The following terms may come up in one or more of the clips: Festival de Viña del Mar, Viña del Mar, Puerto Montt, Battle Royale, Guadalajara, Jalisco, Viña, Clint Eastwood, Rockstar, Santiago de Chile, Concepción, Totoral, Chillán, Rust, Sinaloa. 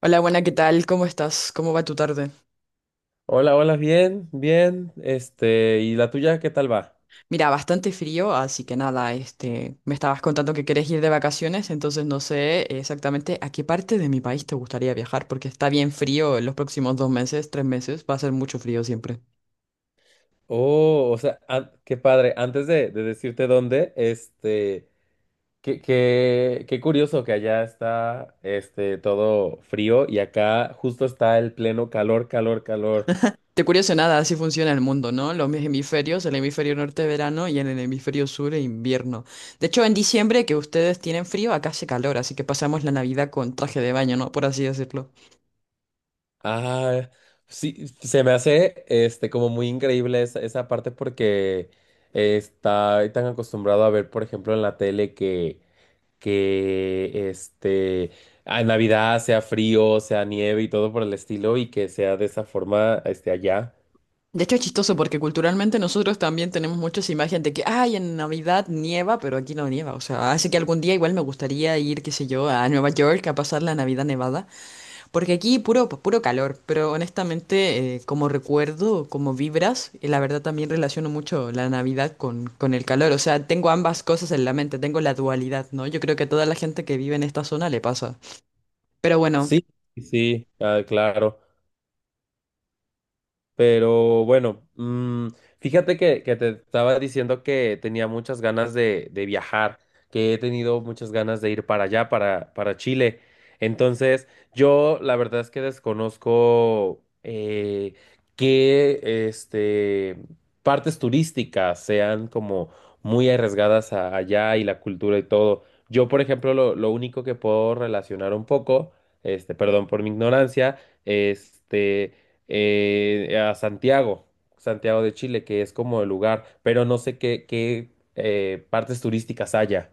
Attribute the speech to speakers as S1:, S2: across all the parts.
S1: Hola, buena, ¿qué tal? ¿Cómo estás? ¿Cómo va tu tarde?
S2: Hola, hola, bien, bien. ¿Y la tuya qué tal va?
S1: Mira, bastante frío, así que nada, me estabas contando que querés ir de vacaciones, entonces no sé exactamente a qué parte de mi país te gustaría viajar, porque está bien frío en los próximos dos meses, tres meses, va a ser mucho frío siempre.
S2: Oh, o sea, qué padre. Antes de decirte dónde, qué curioso que allá está, todo frío y acá justo está el pleno calor, calor, calor.
S1: Te curioso nada, así funciona el mundo, ¿no? Los hemisferios, el hemisferio norte verano y en el hemisferio sur invierno. De hecho, en diciembre que ustedes tienen frío, acá hace calor, así que pasamos la Navidad con traje de baño, ¿no? Por así decirlo.
S2: Ah, sí, se me hace, como muy increíble esa parte porque está tan acostumbrado a ver, por ejemplo, en la tele que en Navidad sea frío, sea nieve y todo por el estilo y que sea de esa forma, allá.
S1: De hecho, es chistoso porque culturalmente nosotros también tenemos muchas imágenes de que, ay, en Navidad nieva, pero aquí no nieva. O sea, hace que algún día igual me gustaría ir, qué sé yo, a Nueva York a pasar la Navidad nevada, porque aquí puro, pues, puro calor. Pero honestamente, como recuerdo, como vibras, y la verdad también relaciono mucho la Navidad con el calor. O sea, tengo ambas cosas en la mente, tengo la dualidad, ¿no? Yo creo que a toda la gente que vive en esta zona le pasa. Pero bueno,
S2: Sí, sí, sí, ah, claro. Pero bueno, fíjate que te estaba diciendo que tenía muchas ganas de viajar, que he tenido muchas ganas de ir para allá, para Chile. Entonces, yo la verdad es que desconozco qué este, partes turísticas sean como muy arriesgadas allá y la cultura y todo. Yo, por ejemplo, lo único que puedo relacionar un poco, perdón por mi ignorancia, este a Santiago, Santiago de Chile, que es como el lugar, pero no sé qué partes turísticas haya.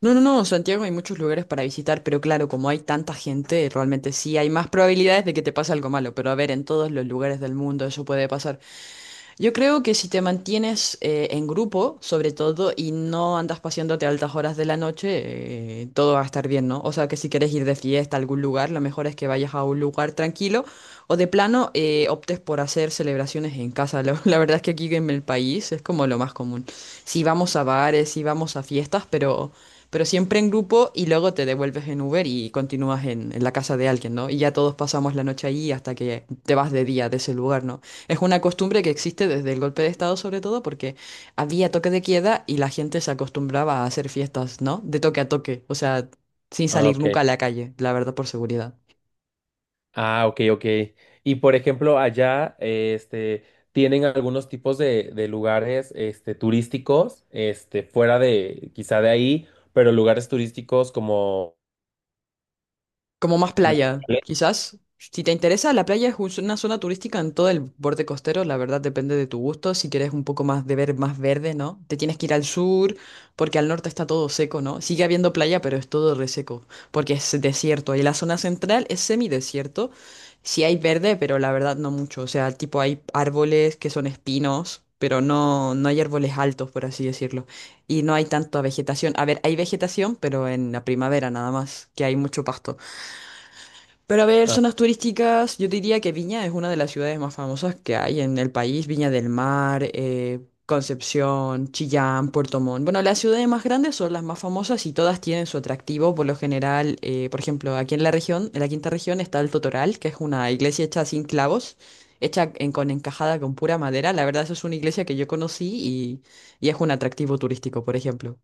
S1: no, no, no, Santiago hay muchos lugares para visitar, pero claro, como hay tanta gente, realmente sí hay más probabilidades de que te pase algo malo, pero a ver, en todos los lugares del mundo eso puede pasar. Yo creo que si te mantienes en grupo, sobre todo, y no andas paseándote a altas horas de la noche, todo va a estar bien, ¿no? O sea, que si quieres ir de fiesta a algún lugar, lo mejor es que vayas a un lugar tranquilo o de plano optes por hacer celebraciones en casa. La verdad es que aquí en el país es como lo más común. Si vamos a bares, si vamos a fiestas, pero siempre en grupo y luego te devuelves en Uber y continúas en la casa de alguien, ¿no? Y ya todos pasamos la noche allí hasta que te vas de día de ese lugar, ¿no? Es una costumbre que existe desde el golpe de Estado, sobre todo porque había toque de queda y la gente se acostumbraba a hacer fiestas, ¿no? De toque a toque, o sea, sin
S2: Ah,
S1: salir
S2: ok.
S1: nunca a la calle, la verdad, por seguridad.
S2: Ah, ok, ok. Y por ejemplo, allá, tienen algunos tipos de lugares, turísticos, fuera de, quizá de ahí, pero lugares turísticos como
S1: Como más playa,
S2: naturales.
S1: quizás. Si te interesa, la playa es una zona turística en todo el borde costero, la verdad depende de tu gusto. Si quieres un poco más de ver más verde, ¿no? Te tienes que ir al sur, porque al norte está todo seco, ¿no? Sigue habiendo playa, pero es todo reseco, porque es desierto. Y la zona central es semidesierto. Sí hay verde, pero la verdad no mucho. O sea, tipo hay árboles que son espinos, pero no, no hay árboles altos, por así decirlo. Y no hay tanta vegetación. A ver, hay vegetación, pero en la primavera nada más, que hay mucho pasto. Pero a ver, zonas turísticas, yo diría que Viña es una de las ciudades más famosas que hay en el país. Viña del Mar, Concepción, Chillán, Puerto Montt. Bueno, las ciudades más grandes son las más famosas y todas tienen su atractivo. Por lo general, por ejemplo, aquí en la región, en la quinta región, está el Totoral, que es una iglesia hecha sin clavos, hecha con encajada con pura madera. La verdad, eso es una iglesia que yo conocí y es un atractivo turístico, por ejemplo.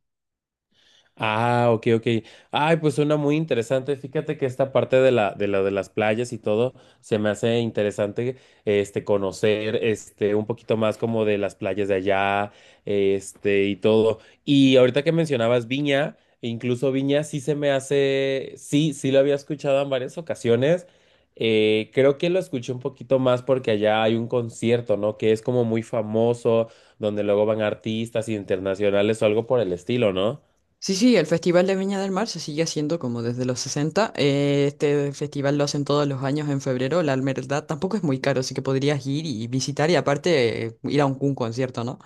S2: Ah, ok, ok. Ay, pues suena muy interesante. Fíjate que esta parte de de las playas y todo se me hace interesante, conocer, un poquito más como de las playas de allá, y todo. Y ahorita que mencionabas Viña, e incluso Viña sí se me hace, sí, sí lo había escuchado en varias ocasiones. Creo que lo escuché un poquito más porque allá hay un concierto, ¿no? Que es como muy famoso, donde luego van artistas internacionales o algo por el estilo, ¿no?
S1: Sí, sí, el Festival de Viña del Mar se sigue haciendo como desde los 60. Este festival lo hacen todos los años en febrero. La verdad tampoco es muy caro, así que podrías ir y visitar y aparte ir a un concierto, ¿no?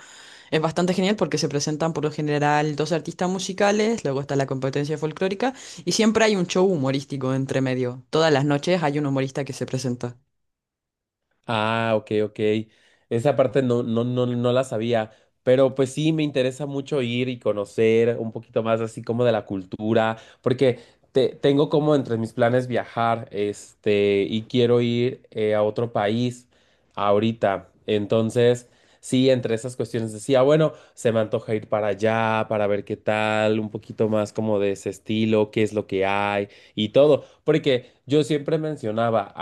S1: Es bastante genial porque se presentan por lo general dos artistas musicales, luego está la competencia folclórica y siempre hay un show humorístico entre medio. Todas las noches hay un humorista que se presenta.
S2: Ah, ok, ok. Esa parte no, no, no, no la sabía, pero pues sí, me interesa mucho ir y conocer un poquito más así como de la cultura, porque tengo como entre mis planes viajar, y quiero ir a otro país ahorita. Entonces, sí, entre esas cuestiones decía, bueno, se me antoja ir para allá, para ver qué tal, un poquito más como de ese estilo, qué es lo que hay y todo, porque yo siempre mencionaba,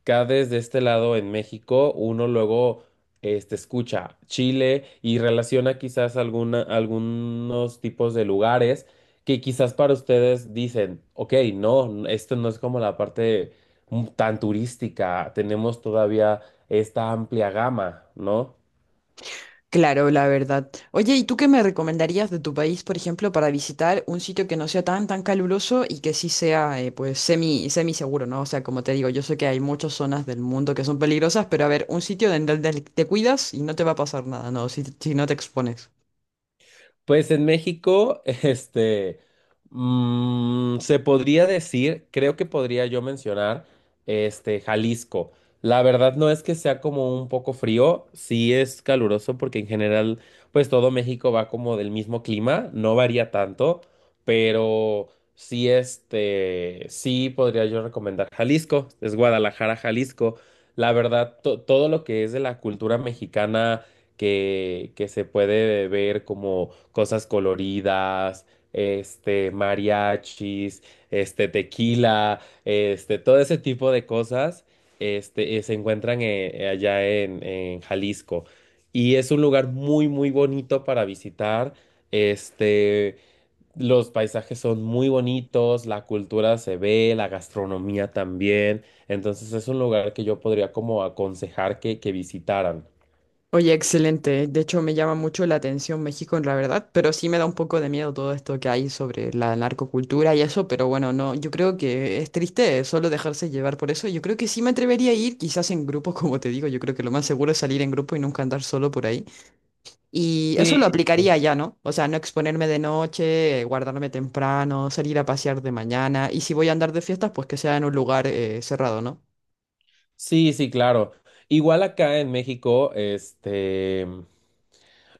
S2: acá desde este lado en México, uno luego escucha Chile y relaciona quizás alguna, algunos tipos de lugares que quizás para ustedes dicen, ok, no, esto no es como la parte tan turística, tenemos todavía esta amplia gama, ¿no?
S1: Claro, la verdad. Oye, ¿y tú qué me recomendarías de tu país, por ejemplo, para visitar un sitio que no sea tan, tan caluroso y que sí sea, pues, semi, semi seguro, ¿no? O sea, como te digo, yo sé que hay muchas zonas del mundo que son peligrosas, pero a ver, un sitio en donde te cuidas y no te va a pasar nada, ¿no? Si, si no te expones.
S2: Pues en México, se podría decir, creo que podría yo mencionar, Jalisco. La verdad no es que sea como un poco frío, sí es caluroso porque en general, pues todo México va como del mismo clima, no varía tanto, pero sí, sí podría yo recomendar Jalisco, es Guadalajara, Jalisco. La verdad, todo lo que es de la cultura mexicana que se puede ver como cosas coloridas, mariachis, tequila, todo ese tipo de cosas, se encuentran allá en Jalisco. Y es un lugar muy, muy bonito para visitar. Este, los paisajes son muy bonitos, la cultura se ve, la gastronomía también. Entonces es un lugar que yo podría como aconsejar que visitaran.
S1: Oye, excelente. De hecho, me llama mucho la atención México, en la verdad, pero sí me da un poco de miedo todo esto que hay sobre la narcocultura y eso, pero bueno, no, yo creo que es triste solo dejarse llevar por eso. Yo creo que sí me atrevería a ir, quizás en grupo, como te digo, yo creo que lo más seguro es salir en grupo y nunca andar solo por ahí. Y eso
S2: Sí.
S1: lo aplicaría ya, ¿no? O sea, no exponerme de noche, guardarme temprano, salir a pasear de mañana, y si voy a andar de fiestas, pues que sea en un lugar cerrado, ¿no?
S2: Sí, sí, claro. Igual acá en México,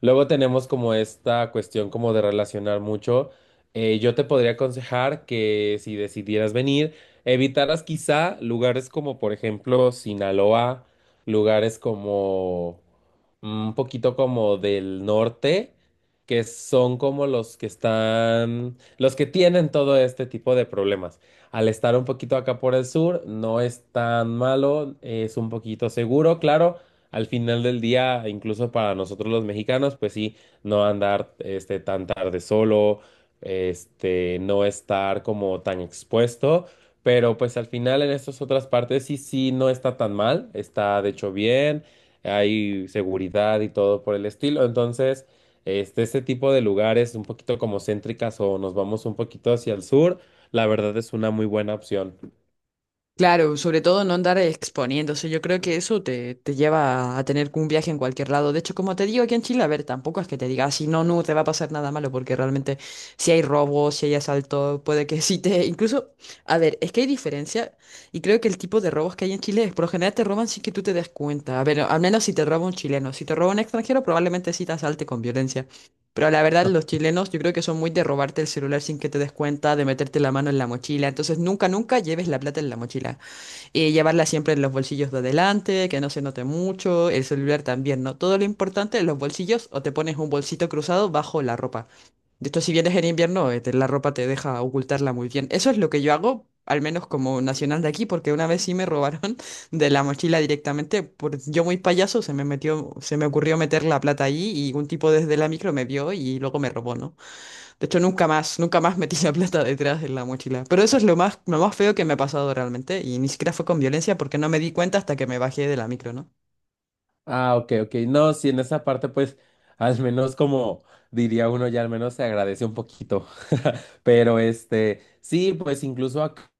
S2: luego tenemos como esta cuestión como de relacionar mucho. Yo te podría aconsejar que si decidieras venir, evitaras quizá lugares como por ejemplo Sinaloa, lugares como un poquito como del norte, que son como los que están, los que tienen todo este tipo de problemas. Al estar un poquito acá por el sur, no es tan malo, es un poquito seguro, claro al final del día, incluso para nosotros los mexicanos, pues sí, no andar tan tarde solo, no estar como tan expuesto, pero pues al final en estas otras partes sí, sí, no está tan mal, está de hecho bien, hay seguridad y todo por el estilo, entonces, este tipo de lugares un poquito como céntricas o nos vamos un poquito hacia el sur, la verdad es una muy buena opción.
S1: Claro, sobre todo no andar exponiéndose. Yo creo que eso te lleva a tener un viaje en cualquier lado. De hecho, como te digo aquí en Chile, a ver, tampoco es que te diga, si no, no te va a pasar nada malo, porque realmente si hay robos, si hay asalto, puede que sí te... Incluso, a ver, es que hay diferencia y creo que el tipo de robos que hay en Chile es, por lo general te roban sin que tú te des cuenta. A ver, al menos si te roba un chileno. Si te roba un extranjero, probablemente sí te asalte con violencia. Pero la verdad, los chilenos yo creo que son muy de robarte el celular sin que te des cuenta, de meterte la mano en la mochila. Entonces, nunca, nunca lleves la plata en la mochila llevarla siempre en los bolsillos de adelante, que no se note mucho, el celular también, ¿no? Todo lo importante en los bolsillos o te pones un bolsito cruzado bajo la ropa. De hecho, si vienes en invierno, la ropa te deja ocultarla muy bien. Eso es lo que yo hago, al menos como nacional de aquí, porque una vez sí me robaron de la mochila directamente. Por, yo muy payaso, se me metió, se me ocurrió meter la plata allí y un tipo desde la micro me vio y luego me robó, ¿no? De hecho, nunca más, nunca más metí la plata detrás de la mochila. Pero eso es lo más feo que me ha pasado realmente. Y ni siquiera fue con violencia porque no me di cuenta hasta que me bajé de la micro, ¿no?
S2: Ah, ok, ok. No, sí, en esa parte, pues, al menos como diría uno, ya al menos se agradece un poquito. Pero sí, pues incluso acá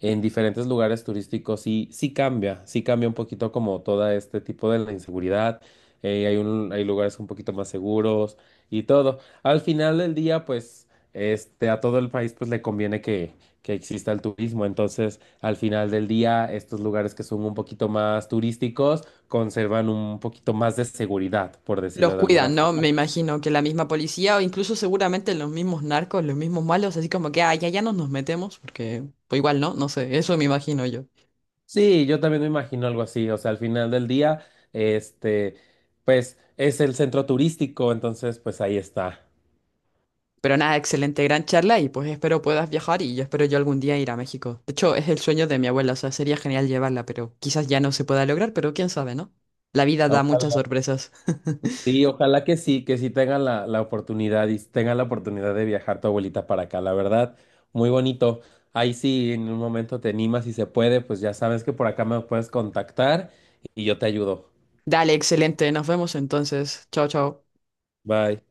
S2: en diferentes lugares turísticos sí, sí cambia un poquito como todo este tipo de la inseguridad. Hay lugares un poquito más seguros y todo. Al final del día, pues, a todo el país pues le conviene que exista el turismo. Entonces, al final del día, estos lugares que son un poquito más turísticos conservan un poquito más de seguridad, por
S1: Los
S2: decirlo de alguna
S1: cuidan, ¿no?
S2: forma.
S1: Me imagino que la misma policía o incluso seguramente los mismos narcos, los mismos malos, así como que, ah, ya, ya nos metemos, porque pues igual, ¿no? No sé, eso me imagino yo.
S2: Sí, yo también me imagino algo así. O sea, al final del día, este, pues es el centro turístico, entonces pues ahí está.
S1: Pero nada, excelente, gran charla y pues espero puedas viajar y yo espero yo algún día ir a México. De hecho, es el sueño de mi abuela, o sea, sería genial llevarla, pero quizás ya no se pueda lograr, pero quién sabe, ¿no? La vida da muchas
S2: Ojalá,
S1: sorpresas.
S2: sí, ojalá que sí tengan la oportunidad y tengan la oportunidad de viajar tu abuelita para acá, la verdad, muy bonito. Ahí sí, en un momento te animas y se puede, pues ya sabes que por acá me puedes contactar y yo te ayudo.
S1: Dale, excelente. Nos vemos entonces. Chao, chao.
S2: Bye.